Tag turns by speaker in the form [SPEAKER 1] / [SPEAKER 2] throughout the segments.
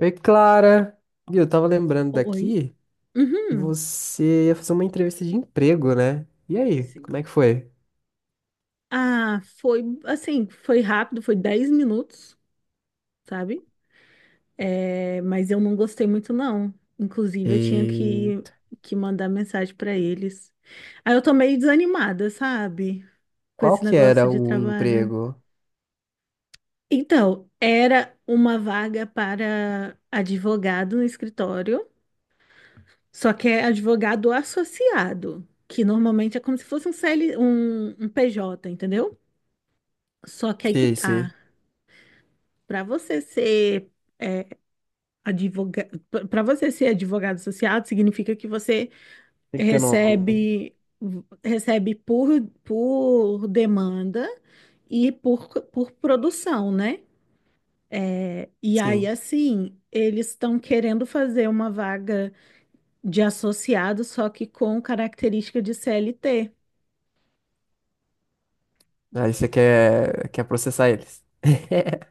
[SPEAKER 1] Oi, Clara. Viu, eu tava lembrando
[SPEAKER 2] Oi.
[SPEAKER 1] daqui que
[SPEAKER 2] Uhum.
[SPEAKER 1] você ia fazer uma entrevista de emprego, né? E aí,
[SPEAKER 2] Sim.
[SPEAKER 1] como é que foi?
[SPEAKER 2] Ah, foi assim, foi rápido, foi 10 minutos, sabe? É, mas eu não gostei muito, não. Inclusive, eu tinha
[SPEAKER 1] E
[SPEAKER 2] que mandar mensagem pra eles. Aí eu tô meio desanimada, sabe? Com
[SPEAKER 1] qual
[SPEAKER 2] esse
[SPEAKER 1] que
[SPEAKER 2] negócio
[SPEAKER 1] era
[SPEAKER 2] de
[SPEAKER 1] o
[SPEAKER 2] trabalho.
[SPEAKER 1] emprego?
[SPEAKER 2] Então, era uma vaga para advogado no escritório, só que é advogado associado, que normalmente é como se fosse um CL, um PJ, entendeu? Só que aí que
[SPEAKER 1] Sim,
[SPEAKER 2] tá.
[SPEAKER 1] sim.
[SPEAKER 2] Para você ser é, advogado, para você ser advogado associado, significa que você
[SPEAKER 1] Tem que ter nome.
[SPEAKER 2] recebe recebe por demanda e por produção, né? É, e aí,
[SPEAKER 1] Sim.
[SPEAKER 2] assim, eles estão querendo fazer uma vaga de associado, só que com característica de CLT.
[SPEAKER 1] Aí você quer processar eles.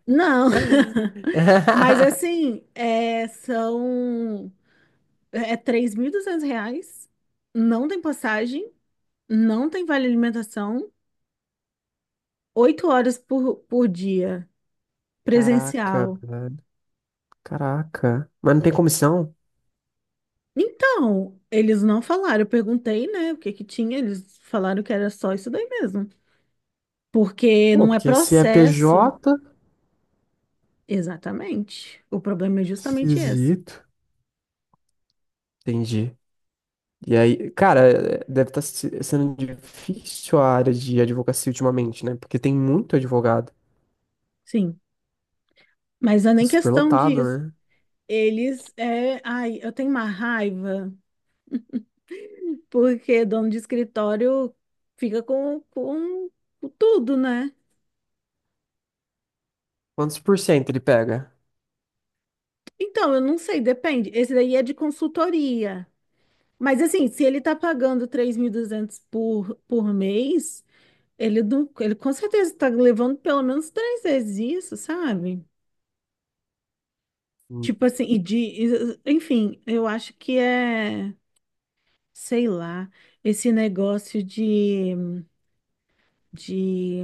[SPEAKER 2] Não, mas assim, é, são R$ 3.200, não tem passagem, não tem vale alimentação, 8 horas por dia,
[SPEAKER 1] Caraca,
[SPEAKER 2] presencial.
[SPEAKER 1] velho. Caraca. Mas não tem comissão?
[SPEAKER 2] Então, eles não falaram, eu perguntei, né, o que que tinha, eles falaram que era só isso daí mesmo. Porque
[SPEAKER 1] Pô,
[SPEAKER 2] não é
[SPEAKER 1] porque se é
[SPEAKER 2] processo.
[SPEAKER 1] PJ,
[SPEAKER 2] Exatamente. O problema é justamente esse.
[SPEAKER 1] esquisito. Entendi. E aí, cara, deve estar sendo difícil a área de advocacia ultimamente, né? Porque tem muito advogado.
[SPEAKER 2] Sim. Mas não é
[SPEAKER 1] Tá
[SPEAKER 2] nem
[SPEAKER 1] super
[SPEAKER 2] questão
[SPEAKER 1] lotado,
[SPEAKER 2] disso.
[SPEAKER 1] né?
[SPEAKER 2] Eles, é, ai, eu tenho uma raiva. Porque dono de escritório fica com tudo, né?
[SPEAKER 1] Quantos por cento ele pega?
[SPEAKER 2] Então, eu não sei, depende. Esse daí é de consultoria. Mas assim, se ele tá pagando 3.200 por mês, ele, não, ele com certeza tá levando pelo menos 3 vezes isso, sabe?
[SPEAKER 1] Hum.
[SPEAKER 2] Tipo assim, enfim, eu acho que é, sei lá, esse negócio de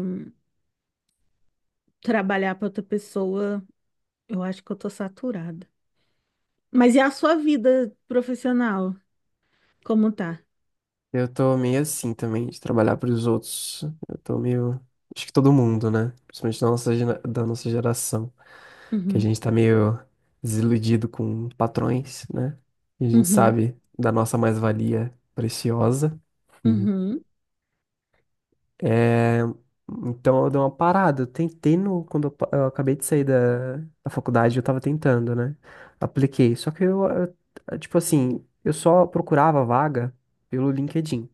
[SPEAKER 2] trabalhar para outra pessoa, eu acho que eu tô saturada. Mas e a sua vida profissional? Como tá?
[SPEAKER 1] Eu tô meio assim também, de trabalhar pros outros. Eu tô meio. Acho que todo mundo, né? Principalmente da nossa, da nossa geração. Que a
[SPEAKER 2] Uhum,
[SPEAKER 1] gente tá meio desiludido com patrões, né? E a gente
[SPEAKER 2] uhum,
[SPEAKER 1] sabe da nossa mais-valia preciosa.
[SPEAKER 2] uhum,
[SPEAKER 1] É, então eu dei uma parada. Eu tentei no, quando eu, eu acabei de sair da, faculdade, eu tava tentando, né? Apliquei. Só que eu, tipo assim, eu só procurava vaga pelo LinkedIn.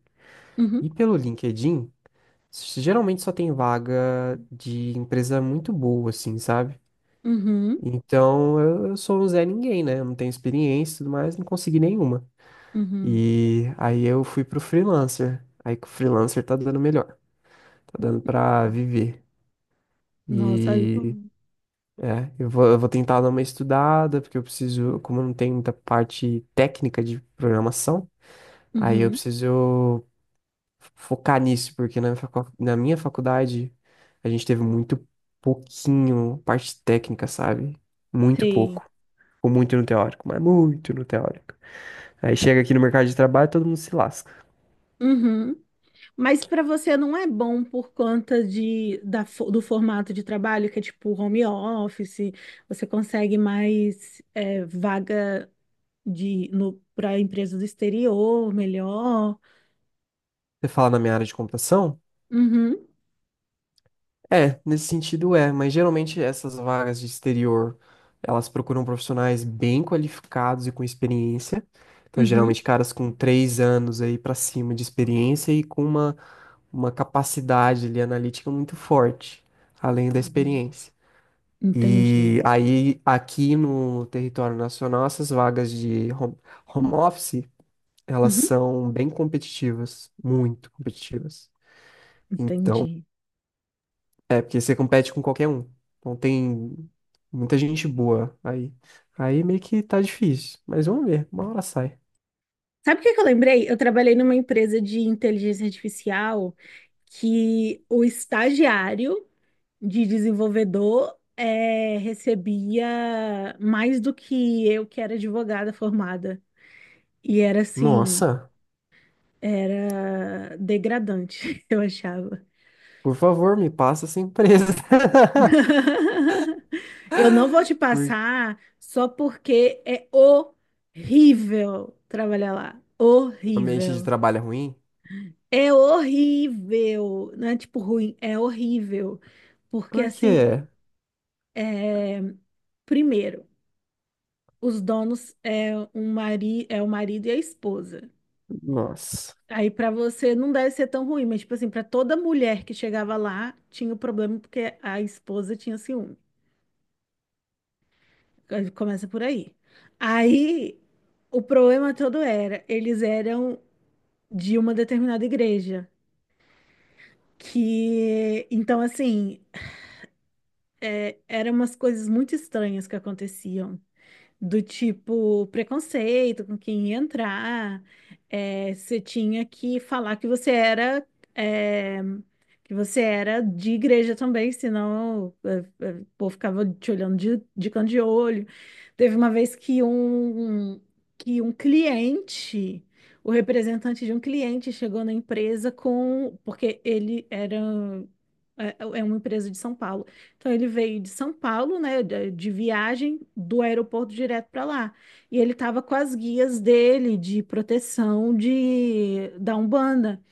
[SPEAKER 1] E
[SPEAKER 2] uhum,
[SPEAKER 1] pelo LinkedIn, geralmente só tem vaga de empresa muito boa, assim, sabe?
[SPEAKER 2] uhum,
[SPEAKER 1] Então eu sou um Zé Ninguém, né? Eu não tenho experiência e tudo mais, não consegui nenhuma.
[SPEAKER 2] uhum.
[SPEAKER 1] E aí eu fui pro freelancer. Aí que o freelancer tá dando melhor, tá dando pra viver.
[SPEAKER 2] Nossa, aí
[SPEAKER 1] E
[SPEAKER 2] bom.
[SPEAKER 1] Eu vou tentar dar uma estudada, porque eu preciso, como eu não tenho muita parte técnica de programação, aí eu
[SPEAKER 2] Uhum,
[SPEAKER 1] preciso focar nisso, porque na, na minha faculdade a gente teve muito pouquinho parte técnica, sabe? Muito
[SPEAKER 2] sim.
[SPEAKER 1] pouco. Ou muito no teórico, mas muito no teórico. Aí chega aqui no mercado de trabalho, todo mundo se lasca.
[SPEAKER 2] Uhum. Mas para você não é bom por conta do formato de trabalho, que é tipo home office, você consegue mais vaga de no para empresa do exterior, melhor.
[SPEAKER 1] Você fala na minha área de computação?
[SPEAKER 2] Uhum,
[SPEAKER 1] É, nesse sentido é, mas geralmente essas vagas de exterior, elas procuram profissionais bem qualificados e com experiência. Então,
[SPEAKER 2] uhum,
[SPEAKER 1] geralmente caras com três anos aí pra cima de experiência e com uma capacidade ali analítica muito forte, além da
[SPEAKER 2] uhum.
[SPEAKER 1] experiência.
[SPEAKER 2] Entendi.
[SPEAKER 1] E aí, aqui no território nacional, essas vagas de home office, elas
[SPEAKER 2] Uhum,
[SPEAKER 1] são bem competitivas, muito competitivas. Então
[SPEAKER 2] entendi.
[SPEAKER 1] é, porque você compete com qualquer um. Então tem muita gente boa aí. Aí meio que tá difícil. Mas vamos ver, uma hora sai.
[SPEAKER 2] Sabe o que que eu lembrei? Eu trabalhei numa empresa de inteligência artificial que o estagiário de desenvolvedor recebia mais do que eu, que era advogada formada. E era assim,
[SPEAKER 1] Nossa,
[SPEAKER 2] era degradante, eu achava.
[SPEAKER 1] por favor, me passa essa empresa.
[SPEAKER 2] Eu não vou te
[SPEAKER 1] Por
[SPEAKER 2] passar só porque é horrível trabalhar lá.
[SPEAKER 1] o ambiente de
[SPEAKER 2] Horrível.
[SPEAKER 1] trabalho é ruim?
[SPEAKER 2] É horrível, não é tipo ruim, é horrível. Porque
[SPEAKER 1] Por
[SPEAKER 2] assim,
[SPEAKER 1] quê?
[SPEAKER 2] é, primeiro, os donos é o marido e a esposa.
[SPEAKER 1] Nossa.
[SPEAKER 2] Aí pra você não deve ser tão ruim, mas tipo assim, pra toda mulher que chegava lá, tinha o problema porque a esposa tinha ciúme. Começa por aí. Aí o problema todo era, eles eram de uma determinada igreja, que então assim, eram umas coisas muito estranhas que aconteciam. Do tipo, preconceito com quem ia entrar. É, você tinha que falar que você era, é, que você era de igreja também, senão o povo ficava te olhando de canto de olho. Teve uma vez que que um cliente, o representante de um cliente chegou na empresa com, porque ele era, é uma empresa de São Paulo. Então ele veio de São Paulo, né, de viagem do aeroporto direto para lá. E ele estava com as guias dele de proteção de da Umbanda.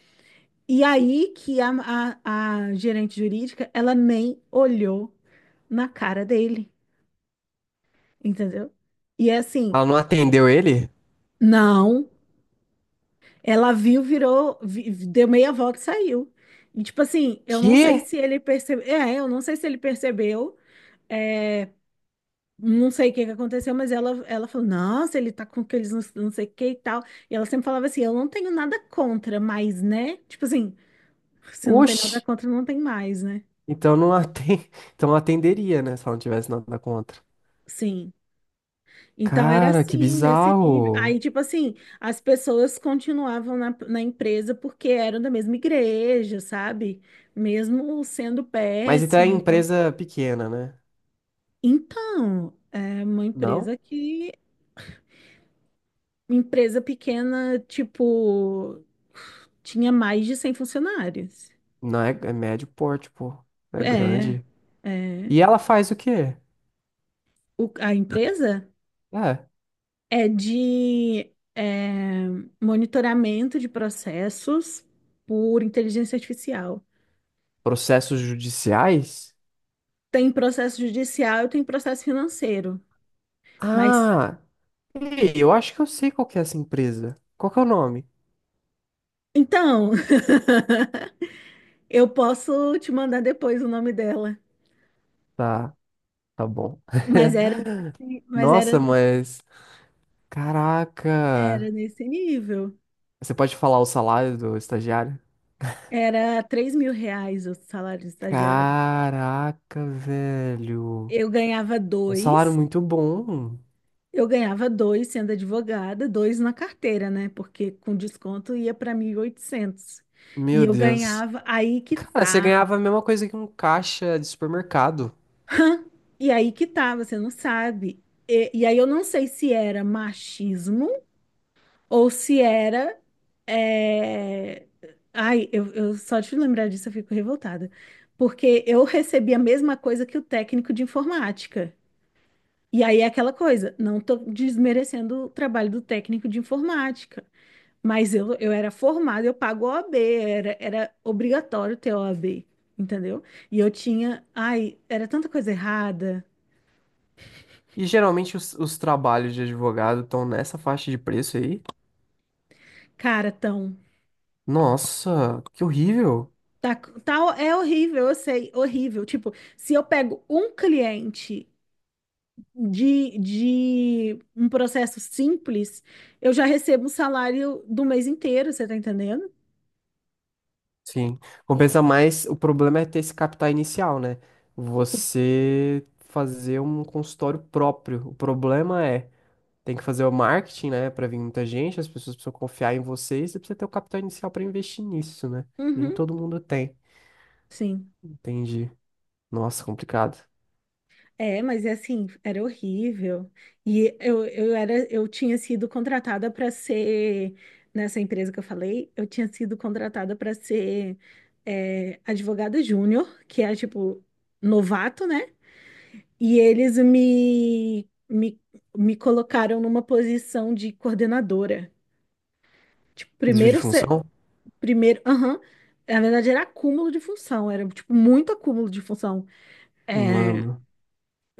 [SPEAKER 2] E aí que a gerente jurídica, ela nem olhou na cara dele, entendeu? E é assim,
[SPEAKER 1] Ela não atendeu ele?
[SPEAKER 2] não, ela viu, virou, deu meia volta e saiu. E tipo assim, eu não sei
[SPEAKER 1] Que?
[SPEAKER 2] se ele percebeu, é, eu não sei se ele percebeu é, Não sei o que que aconteceu, mas ela falou: Nossa, ele tá com aqueles não, não sei o que e tal. E ela sempre falava assim: Eu não tenho nada contra, mas né? Tipo assim, se não tem nada
[SPEAKER 1] Oxi.
[SPEAKER 2] contra, não tem mais, né?
[SPEAKER 1] Então não atende. Então não atenderia, né? Se ela não tivesse nada contra.
[SPEAKER 2] Sim. Então era
[SPEAKER 1] Cara, que
[SPEAKER 2] assim, nesse nível. Aí,
[SPEAKER 1] bizarro.
[SPEAKER 2] tipo assim, as pessoas continuavam na empresa porque eram da mesma igreja, sabe? Mesmo sendo
[SPEAKER 1] Mas então é
[SPEAKER 2] péssima. Então,
[SPEAKER 1] empresa pequena, né?
[SPEAKER 2] então é uma
[SPEAKER 1] Não?
[SPEAKER 2] empresa que empresa pequena, tipo, tinha mais de 100 funcionários.
[SPEAKER 1] Não é, é médio porte, pô. É
[SPEAKER 2] É,
[SPEAKER 1] grande.
[SPEAKER 2] é.
[SPEAKER 1] E ela faz o quê?
[SPEAKER 2] A empresa
[SPEAKER 1] É.
[SPEAKER 2] é de é, monitoramento de processos por inteligência artificial.
[SPEAKER 1] Processos judiciais?
[SPEAKER 2] Tem processo judicial e tem processo financeiro. Mas,
[SPEAKER 1] Ah, ei, eu acho que eu sei qual que é essa empresa. Qual que é o nome?
[SPEAKER 2] então, eu posso te mandar depois o nome dela.
[SPEAKER 1] Tá, tá bom.
[SPEAKER 2] Mas era, desse- mas era,
[SPEAKER 1] Nossa, mas.
[SPEAKER 2] era
[SPEAKER 1] Caraca.
[SPEAKER 2] nesse nível.
[SPEAKER 1] Você pode falar o salário do estagiário?
[SPEAKER 2] Era R$ 3.000 o salário de estagiário.
[SPEAKER 1] Caraca, velho.
[SPEAKER 2] Eu ganhava
[SPEAKER 1] Um salário
[SPEAKER 2] dois,
[SPEAKER 1] muito bom.
[SPEAKER 2] eu ganhava dois sendo advogada, dois na carteira, né? Porque com desconto ia para 1.800 e
[SPEAKER 1] Meu
[SPEAKER 2] eu
[SPEAKER 1] Deus.
[SPEAKER 2] ganhava, aí que
[SPEAKER 1] Cara, você ganhava
[SPEAKER 2] tá.
[SPEAKER 1] a mesma coisa que um caixa de supermercado.
[SPEAKER 2] E aí que tá, você não sabe. E aí eu não sei se era machismo ou se era. é, Ai, eu só de lembrar disso eu fico revoltada. Porque eu recebi a mesma coisa que o técnico de informática. E aí é aquela coisa, não estou desmerecendo o trabalho do técnico de informática, mas eu era formada, eu pago o OAB, era obrigatório ter OAB, entendeu? E eu tinha, ai, era tanta coisa errada,
[SPEAKER 1] E geralmente os trabalhos de advogado estão nessa faixa de preço aí?
[SPEAKER 2] cara, tão,
[SPEAKER 1] Nossa, que horrível.
[SPEAKER 2] tá, tá, é horrível, eu sei, horrível. Tipo, se eu pego um cliente de um processo simples, eu já recebo um salário do mês inteiro, você tá entendendo?
[SPEAKER 1] Sim, compensa mais. O problema é ter esse capital inicial, né? Você fazer um consultório próprio. O problema é, tem que fazer o marketing, né? Pra vir muita gente, as pessoas precisam confiar em você e você precisa ter o capital inicial pra investir nisso, né? Nem
[SPEAKER 2] Uhum,
[SPEAKER 1] todo mundo tem.
[SPEAKER 2] sim.
[SPEAKER 1] Entendi. Nossa, complicado.
[SPEAKER 2] É, mas é assim, era horrível. E eu era, eu tinha sido contratada para ser, nessa empresa que eu falei, eu tinha sido contratada para ser advogada júnior, que é tipo novato, né? E eles me colocaram numa posição de coordenadora. Tipo,
[SPEAKER 1] Desvio de
[SPEAKER 2] primeiro, se-
[SPEAKER 1] função?
[SPEAKER 2] primeiro, aham, na verdade era acúmulo de função, era tipo muito acúmulo de função. É,
[SPEAKER 1] Mano,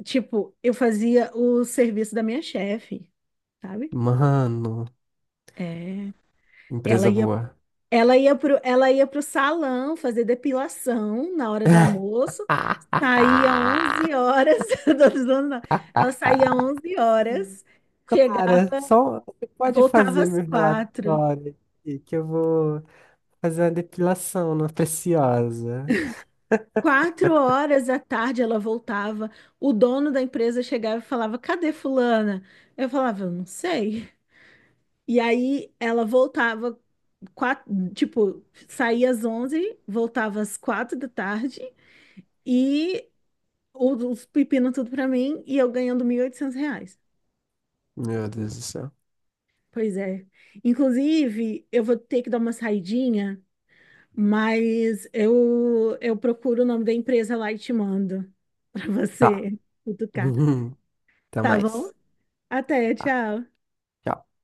[SPEAKER 2] tipo, eu fazia o serviço da minha chefe, sabe?
[SPEAKER 1] mano,
[SPEAKER 2] É, ela
[SPEAKER 1] empresa
[SPEAKER 2] ia,
[SPEAKER 1] boa.
[SPEAKER 2] ela ia pro salão fazer depilação na hora do almoço, saía 11 horas, eu tô zoando, não. Ela saía 11 horas,
[SPEAKER 1] Cara,
[SPEAKER 2] chegava,
[SPEAKER 1] só você pode
[SPEAKER 2] voltava
[SPEAKER 1] fazer
[SPEAKER 2] às
[SPEAKER 1] meu
[SPEAKER 2] quatro.
[SPEAKER 1] relatório aqui, que eu vou fazer uma depilação na preciosa.
[SPEAKER 2] Quatro horas da tarde ela voltava, o dono da empresa chegava e falava, cadê fulana? Eu falava, eu não sei. E aí ela voltava quatro, tipo, saía às 11 voltava às 4 da tarde e os pepinos tudo pra mim e eu ganhando R$ 1.800.
[SPEAKER 1] Meu Deus do céu.
[SPEAKER 2] Pois é. Inclusive, eu vou ter que dar uma saidinha, mas eu procuro o nome da empresa lá e te mando pra
[SPEAKER 1] Tá.
[SPEAKER 2] você cutucar,
[SPEAKER 1] Até
[SPEAKER 2] tá bom?
[SPEAKER 1] mais.
[SPEAKER 2] Até,
[SPEAKER 1] Tá.
[SPEAKER 2] tchau.
[SPEAKER 1] Tchau.